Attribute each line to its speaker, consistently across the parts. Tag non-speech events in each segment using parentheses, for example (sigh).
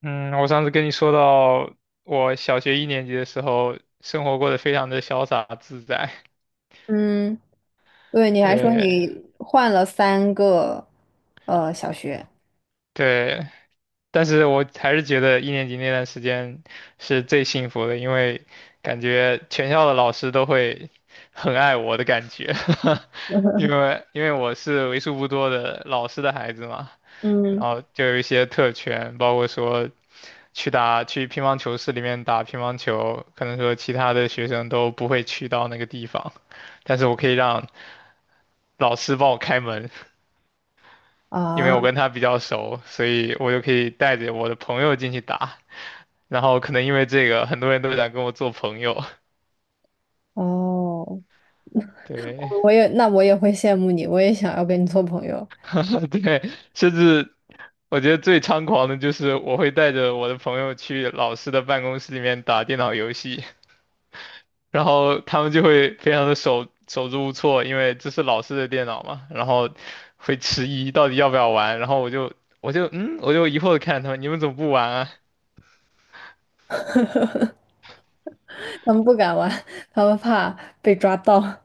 Speaker 1: 嗯，我上次跟你说到，我小学一年级的时候，生活过得非常的潇洒自在。
Speaker 2: 嗯，对，你还说
Speaker 1: 对
Speaker 2: 你换了三个小学，
Speaker 1: 对，但是我还是觉得一年级那段时间是最幸福的，因为感觉全校的老师都会很爱我的感觉。(laughs) 因
Speaker 2: (laughs)
Speaker 1: 为因为我是为数不多的老师的孩子嘛，然
Speaker 2: 嗯
Speaker 1: 后就有一些特权，包括说去乒乓球室里面打乒乓球，可能说其他的学生都不会去到那个地方，但是我可以让老师帮我开门，因为我
Speaker 2: 啊
Speaker 1: 跟他比较熟，所以我就可以带着我的朋友进去打。然后可能因为这个，很多人都想跟我做朋友，
Speaker 2: 哦，
Speaker 1: 对，
Speaker 2: 那我也会羡慕你，我也想要跟你做朋友。
Speaker 1: (laughs) 对，甚至我觉得最猖狂的就是我会带着我的朋友去老师的办公室里面打电脑游戏。然后他们就会非常的手足无措，因为这是老师的电脑嘛，然后会迟疑到底要不要玩，然后我就我就疑惑的看着他们，你们怎么不玩啊？
Speaker 2: (laughs) 他们不敢玩，他们怕被抓到。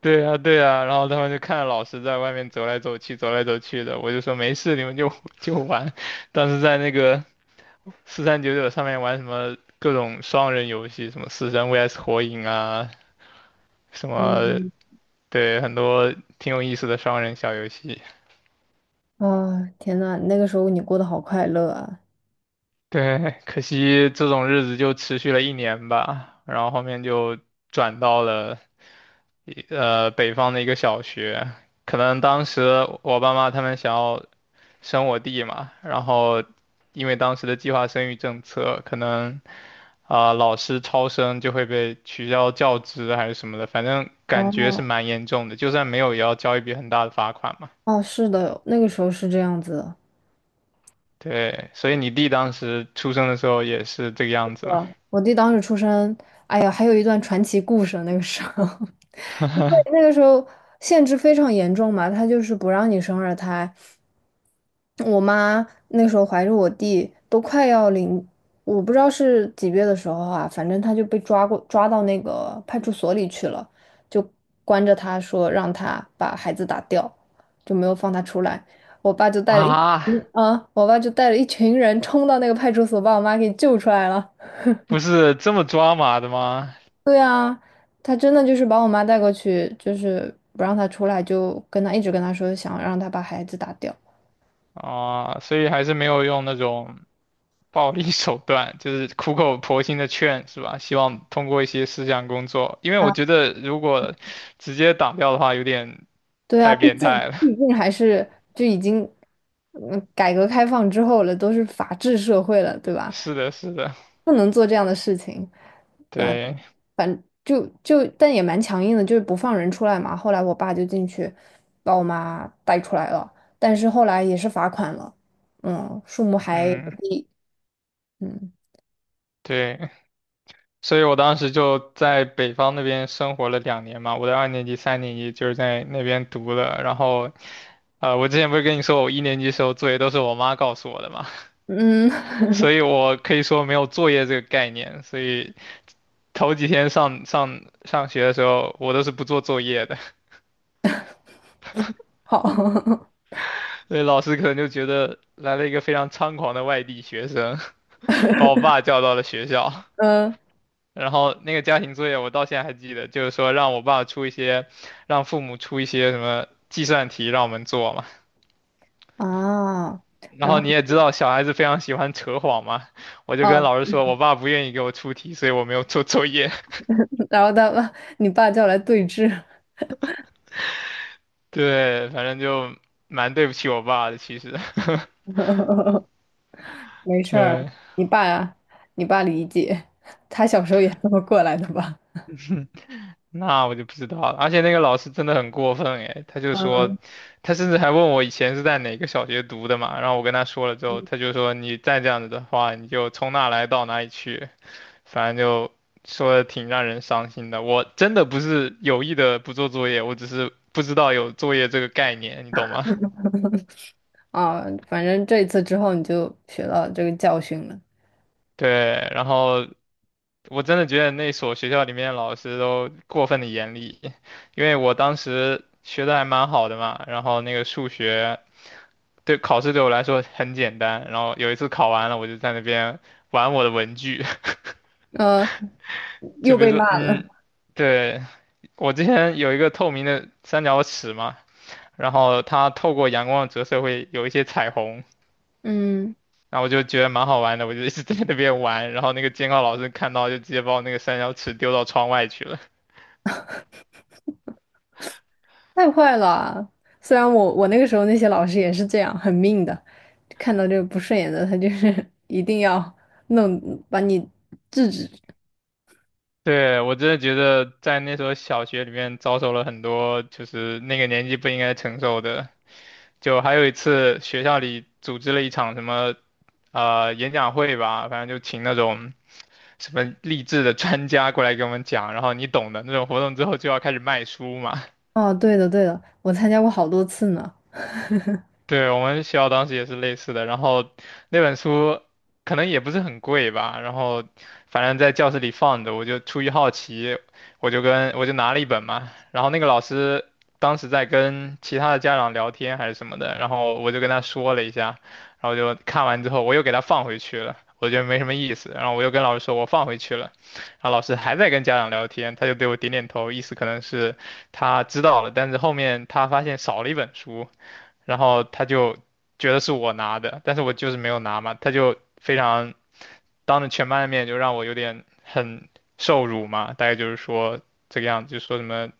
Speaker 1: 对啊，对啊，然后他们就看着老师在外面走来走去，走来走去的，我就说没事，你们就 (laughs) 就玩。当时在那个4399上面玩什么各种双人游戏，什么死神 VS 火影啊，什么
Speaker 2: 嗯
Speaker 1: 对，很多挺有意思的双人小游戏。
Speaker 2: 啊，天呐，那个时候你过得好快乐啊！
Speaker 1: (laughs) 对，可惜这种日子就持续了一年吧，然后后面就转到了北方的一个小学，可能当时我爸妈他们想要生我弟嘛，然后因为当时的计划生育政策，可能啊、老师超生就会被取消教职还是什么的，反正感觉是
Speaker 2: 哦
Speaker 1: 蛮严重的，就算没有也要交一笔很大的罚款嘛。
Speaker 2: 哦，是的，那个时候是这样子的。
Speaker 1: 对，所以你弟当时出生的时候也是这个样子
Speaker 2: 是
Speaker 1: 吗？
Speaker 2: 吧，我弟当时出生，哎呀，还有一段传奇故事。那个时候，(laughs) 因为那个时候限制非常严重嘛，他就是不让你生二胎。我妈那时候怀着我弟，都快要临，我不知道是几月的时候啊，反正他就被抓过，抓到那个派出所里去了，就关着他说让他把孩子打掉，就没有放他出来。我爸就带了一
Speaker 1: 啊，
Speaker 2: 我爸就带了一群人冲到那个派出所，把我妈给救出来了。
Speaker 1: 不是这么抓马的吗？
Speaker 2: 对啊，他真的就是把我妈带过去，就是不让她出来，就跟她一直跟她说，想让她把孩子打掉。
Speaker 1: 啊，所以还是没有用那种暴力手段，就是苦口婆心的劝，是吧？希望通过一些思想工作，因为
Speaker 2: 啊，
Speaker 1: 我觉得如果直接打掉的话，有点
Speaker 2: 对啊，
Speaker 1: 太
Speaker 2: 毕
Speaker 1: 变
Speaker 2: 竟
Speaker 1: 态了。
Speaker 2: 毕竟
Speaker 1: (laughs)
Speaker 2: 还是就已经，改革开放之后了，都是法治社会了，对吧？
Speaker 1: 是的，是的，
Speaker 2: 不能做这样的事情。那
Speaker 1: 对，
Speaker 2: 反就就但也蛮强硬的，就是不放人出来嘛。后来我爸就进去把我妈带出来了，但是后来也是罚款了，嗯，数目还
Speaker 1: 嗯，
Speaker 2: 不低，嗯
Speaker 1: 对，所以我当时就在北方那边生活了两年嘛，我的二年级、三年级就是在那边读的，然后，我之前不是跟你说我一年级时候作业都是我妈告诉我的嘛。
Speaker 2: 嗯。(laughs)
Speaker 1: 所以我可以说没有作业这个概念，所以头几天上学的时候，我都是不做作业的。
Speaker 2: 好，(laughs)
Speaker 1: (laughs) 所以老师可能就觉得来了一个非常猖狂的外地学生，把我爸叫到了学校，
Speaker 2: 嗯
Speaker 1: 然后那个家庭作业我到现在还记得，就是说让我爸出一些，让父母出一些什么计算题让我们做嘛，
Speaker 2: 啊，
Speaker 1: 然
Speaker 2: 然
Speaker 1: 后
Speaker 2: 后
Speaker 1: 你也知道小孩子非常喜欢扯谎嘛，我就跟
Speaker 2: 啊，
Speaker 1: 老师说我爸不愿意给我出题，所以我没有做作业。
Speaker 2: 然后你爸叫来对峙。
Speaker 1: 对，反正就蛮对不起我爸的，其实。(laughs)
Speaker 2: (laughs) 没事儿，
Speaker 1: 对，
Speaker 2: 你爸呀，你爸理解，他小时候也这么过来的吧？
Speaker 1: 那我就不知道了。而且那个老师真的很过分诶，他就说，
Speaker 2: 嗯，
Speaker 1: 他甚至还问我以前是在哪个小学读的嘛。然后我跟他说了之后，他就说你再这样子的话，你就从哪来到哪里去。反正就说的挺让人伤心的。我真的不是有意的不做作业，我只是不知道有作业这个概念，你懂吗？
Speaker 2: 啊，反正这次之后你就学到这个教训了，
Speaker 1: (laughs) 对，然后我真的觉得那所学校里面的老师都过分的严厉，因为我当时学的还蛮好的嘛，然后那个数学对考试对我来说很简单，然后有一次考完了，我就在那边玩我的文具。
Speaker 2: 呃，
Speaker 1: (laughs) 就
Speaker 2: 又
Speaker 1: 比如
Speaker 2: 被
Speaker 1: 说，
Speaker 2: 骂了，
Speaker 1: 嗯，对，我之前有一个透明的三角尺嘛，然后它透过阳光的折射会有一些彩虹。
Speaker 2: 嗯，
Speaker 1: 然后我就觉得蛮好玩的，我就一直在那边玩，然后那个监考老师看到就直接把我那个三角尺丢到窗外去了。
Speaker 2: 太坏了。虽然我那个时候那些老师也是这样，很命的，看到这个不顺眼的，他就是 (laughs) 一定要弄把你制止。
Speaker 1: 对，我真的觉得在那所小学里面遭受了很多就是那个年纪不应该承受的。就还有一次学校里组织了一场什么演讲会吧，反正就请那种什么励志的专家过来给我们讲，然后你懂的那种活动之后就要开始卖书嘛，
Speaker 2: 哦，对的对的，我参加过好多次呢。
Speaker 1: 对，我们学校当时也是类似的，然后那本书可能也不是很贵吧，然后反正在教室里放着，我就出于好奇，我就拿了一本嘛，然后那个老师当时在跟其他的家长聊天还是什么的，然后我就跟他说了一下，然后就看完之后我又给他放回去了，我觉得没什么意思，然后我又跟老师说我放回去了，然后老师还在跟家长聊天，他就对我点点头，意思可能是他知道了，但是后面他发现少了一本书。然后他就觉得是我拿的，但是我就是没有拿嘛，他就非常当着全班的面就让我有点很受辱嘛，大概就是说这个样子，就说什么，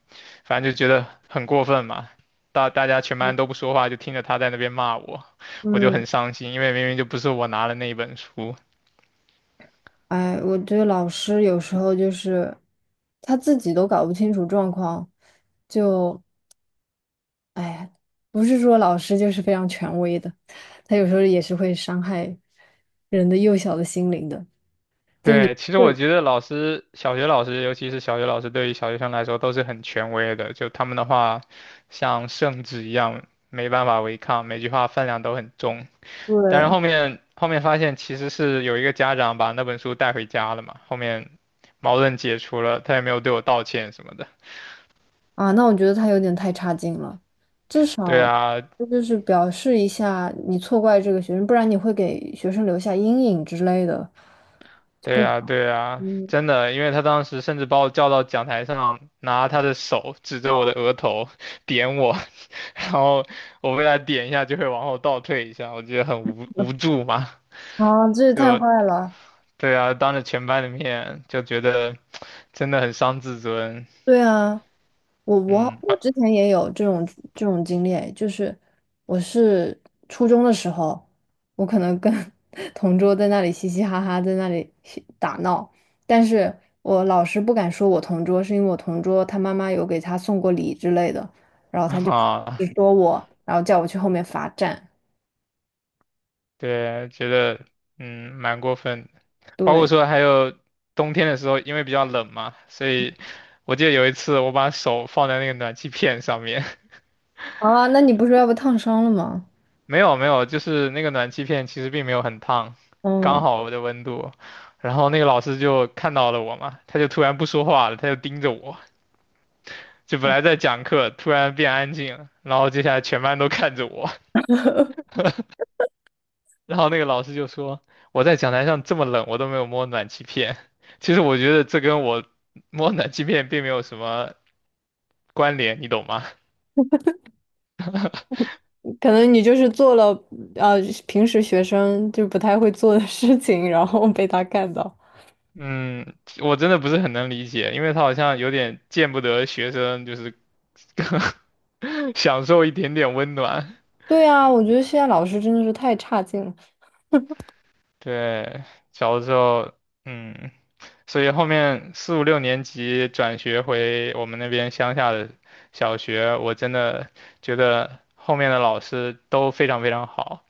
Speaker 1: 反正就觉得很过分嘛。大家全班都不说话，就听着他在那边骂我，我就
Speaker 2: 嗯，
Speaker 1: 很伤心，因为明明就不是我拿了那一本书。
Speaker 2: 哎，我觉得老师有时候就是他自己都搞不清楚状况，就哎呀，不是说老师就是非常权威的，他有时候也是会伤害人的幼小的心灵的。就你
Speaker 1: 对，其实我
Speaker 2: 对，
Speaker 1: 觉得老师，小学老师，尤其是小学老师，对于小学生来说都是很权威的。就他们的话，像圣旨一样，没办法违抗，每句话分量都很重。但是
Speaker 2: 对
Speaker 1: 后面发现，其实是有一个家长把那本书带回家了嘛，后面矛盾解除了，他也没有对我道歉什么的。
Speaker 2: 啊，那我觉得他有点太差劲了，至
Speaker 1: 对
Speaker 2: 少
Speaker 1: 啊，
Speaker 2: 这就是表示一下你错怪这个学生，不然你会给学生留下阴影之类的，就
Speaker 1: 对
Speaker 2: 不
Speaker 1: 呀，
Speaker 2: 好。
Speaker 1: 对呀，真的，因为他当时甚至把我叫到讲台上，拿他的手指着我的额头点我，(laughs) 然后我被他点一下就会往后倒退一下，我觉得很无助嘛，
Speaker 2: 啊，这也太
Speaker 1: 就
Speaker 2: 坏了！
Speaker 1: 对啊，当着全班的面就觉得真的很伤自尊。
Speaker 2: 对啊，我我
Speaker 1: 嗯
Speaker 2: 我之
Speaker 1: (laughs)
Speaker 2: 前也有这种经历，就是我是初中的时候，我可能跟 (laughs) 同桌在那里嘻嘻哈哈，在那里打闹，但是我老师不敢说我同桌，是因为我同桌他妈妈有给他送过礼之类的，然后他就
Speaker 1: 啊，
Speaker 2: 只说我，然后叫我去后面罚站。
Speaker 1: 对，觉得蛮过分的。包括
Speaker 2: 对，
Speaker 1: 说还有冬天的时候，因为比较冷嘛，所以我记得有一次我把手放在那个暖气片上面，
Speaker 2: 啊，那你不是要被烫伤了吗？
Speaker 1: 没有没有，就是那个暖气片其实并没有很烫，刚
Speaker 2: 嗯。
Speaker 1: 好我的温度。然后那个老师就看到了我嘛，他就突然不说话了，他就盯着我，就本来在讲课，突然变安静了，然后接下来全班都看着我。(laughs) 然后那个老师就说我在讲台上这么冷，我都没有摸暖气片。(laughs) 其实我觉得这跟我摸暖气片并没有什么关联，你懂吗？
Speaker 2: 可能你就是做了呃平时学生就不太会做的事情，(laughs) 然后被他看到。
Speaker 1: 嗯，我真的不是很能理解，因为他好像有点见不得学生，就是 (laughs) 享受一点点温暖。
Speaker 2: 对啊，我觉得现在老师真的是太差劲了。
Speaker 1: 对，小的时候，嗯，所以后面四五六年级转学回我们那边乡下的小学，我真的觉得后面的老师都非常非常好。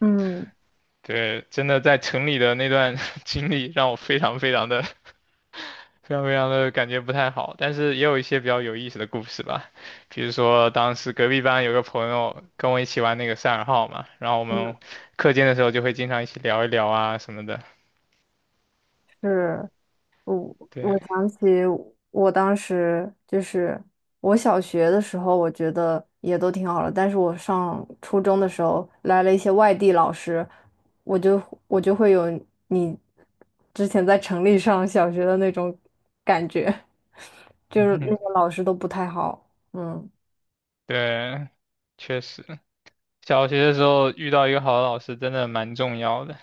Speaker 2: 嗯，
Speaker 1: 对，真的在城里的那段 (laughs) 经历让我非常非常的非常非常的感觉不太好，但是也有一些比较有意思的故事吧，比如说当时隔壁班有个朋友跟我一起玩那个赛尔号嘛，然后我
Speaker 2: 嗯，
Speaker 1: 们课间的时候就会经常一起聊一聊啊什么的，
Speaker 2: 是。我
Speaker 1: 对，
Speaker 2: 想起我当时就是我小学的时候，我觉得也都挺好的，但是我上初中的时候来了一些外地老师，我就我就会有你之前在城里上小学的那种感觉，就是那
Speaker 1: 嗯，
Speaker 2: 个老师都不太好，嗯，
Speaker 1: 对，确实，小学的时候遇到一个好的老师真的蛮重要的，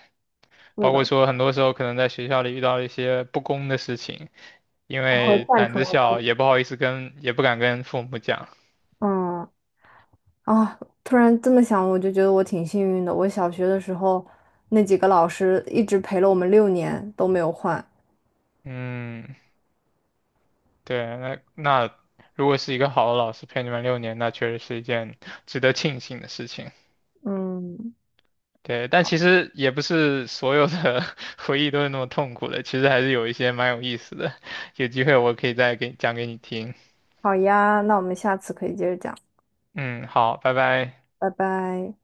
Speaker 2: 是
Speaker 1: 包括
Speaker 2: 的，
Speaker 1: 说很多时候可能在学校里遇到一些不公的事情，因
Speaker 2: 他会
Speaker 1: 为
Speaker 2: 站
Speaker 1: 胆
Speaker 2: 出来
Speaker 1: 子
Speaker 2: 帮
Speaker 1: 小
Speaker 2: 你，
Speaker 1: 也不好意思跟，也不敢跟父母讲，
Speaker 2: 嗯。啊，突然这么想，我就觉得我挺幸运的。我小学的时候，那几个老师一直陪了我们6年都没有换。
Speaker 1: 嗯。对，那如果是一个好的老师陪你们六年，那确实是一件值得庆幸的事情。
Speaker 2: 嗯，
Speaker 1: 对，但其实也不是所有的 (laughs) 回忆都是那么痛苦的，其实还是有一些蛮有意思的。有机会我可以再给讲给你听。
Speaker 2: 好呀，那我们下次可以接着讲，
Speaker 1: 嗯，好，拜拜。
Speaker 2: 拜拜。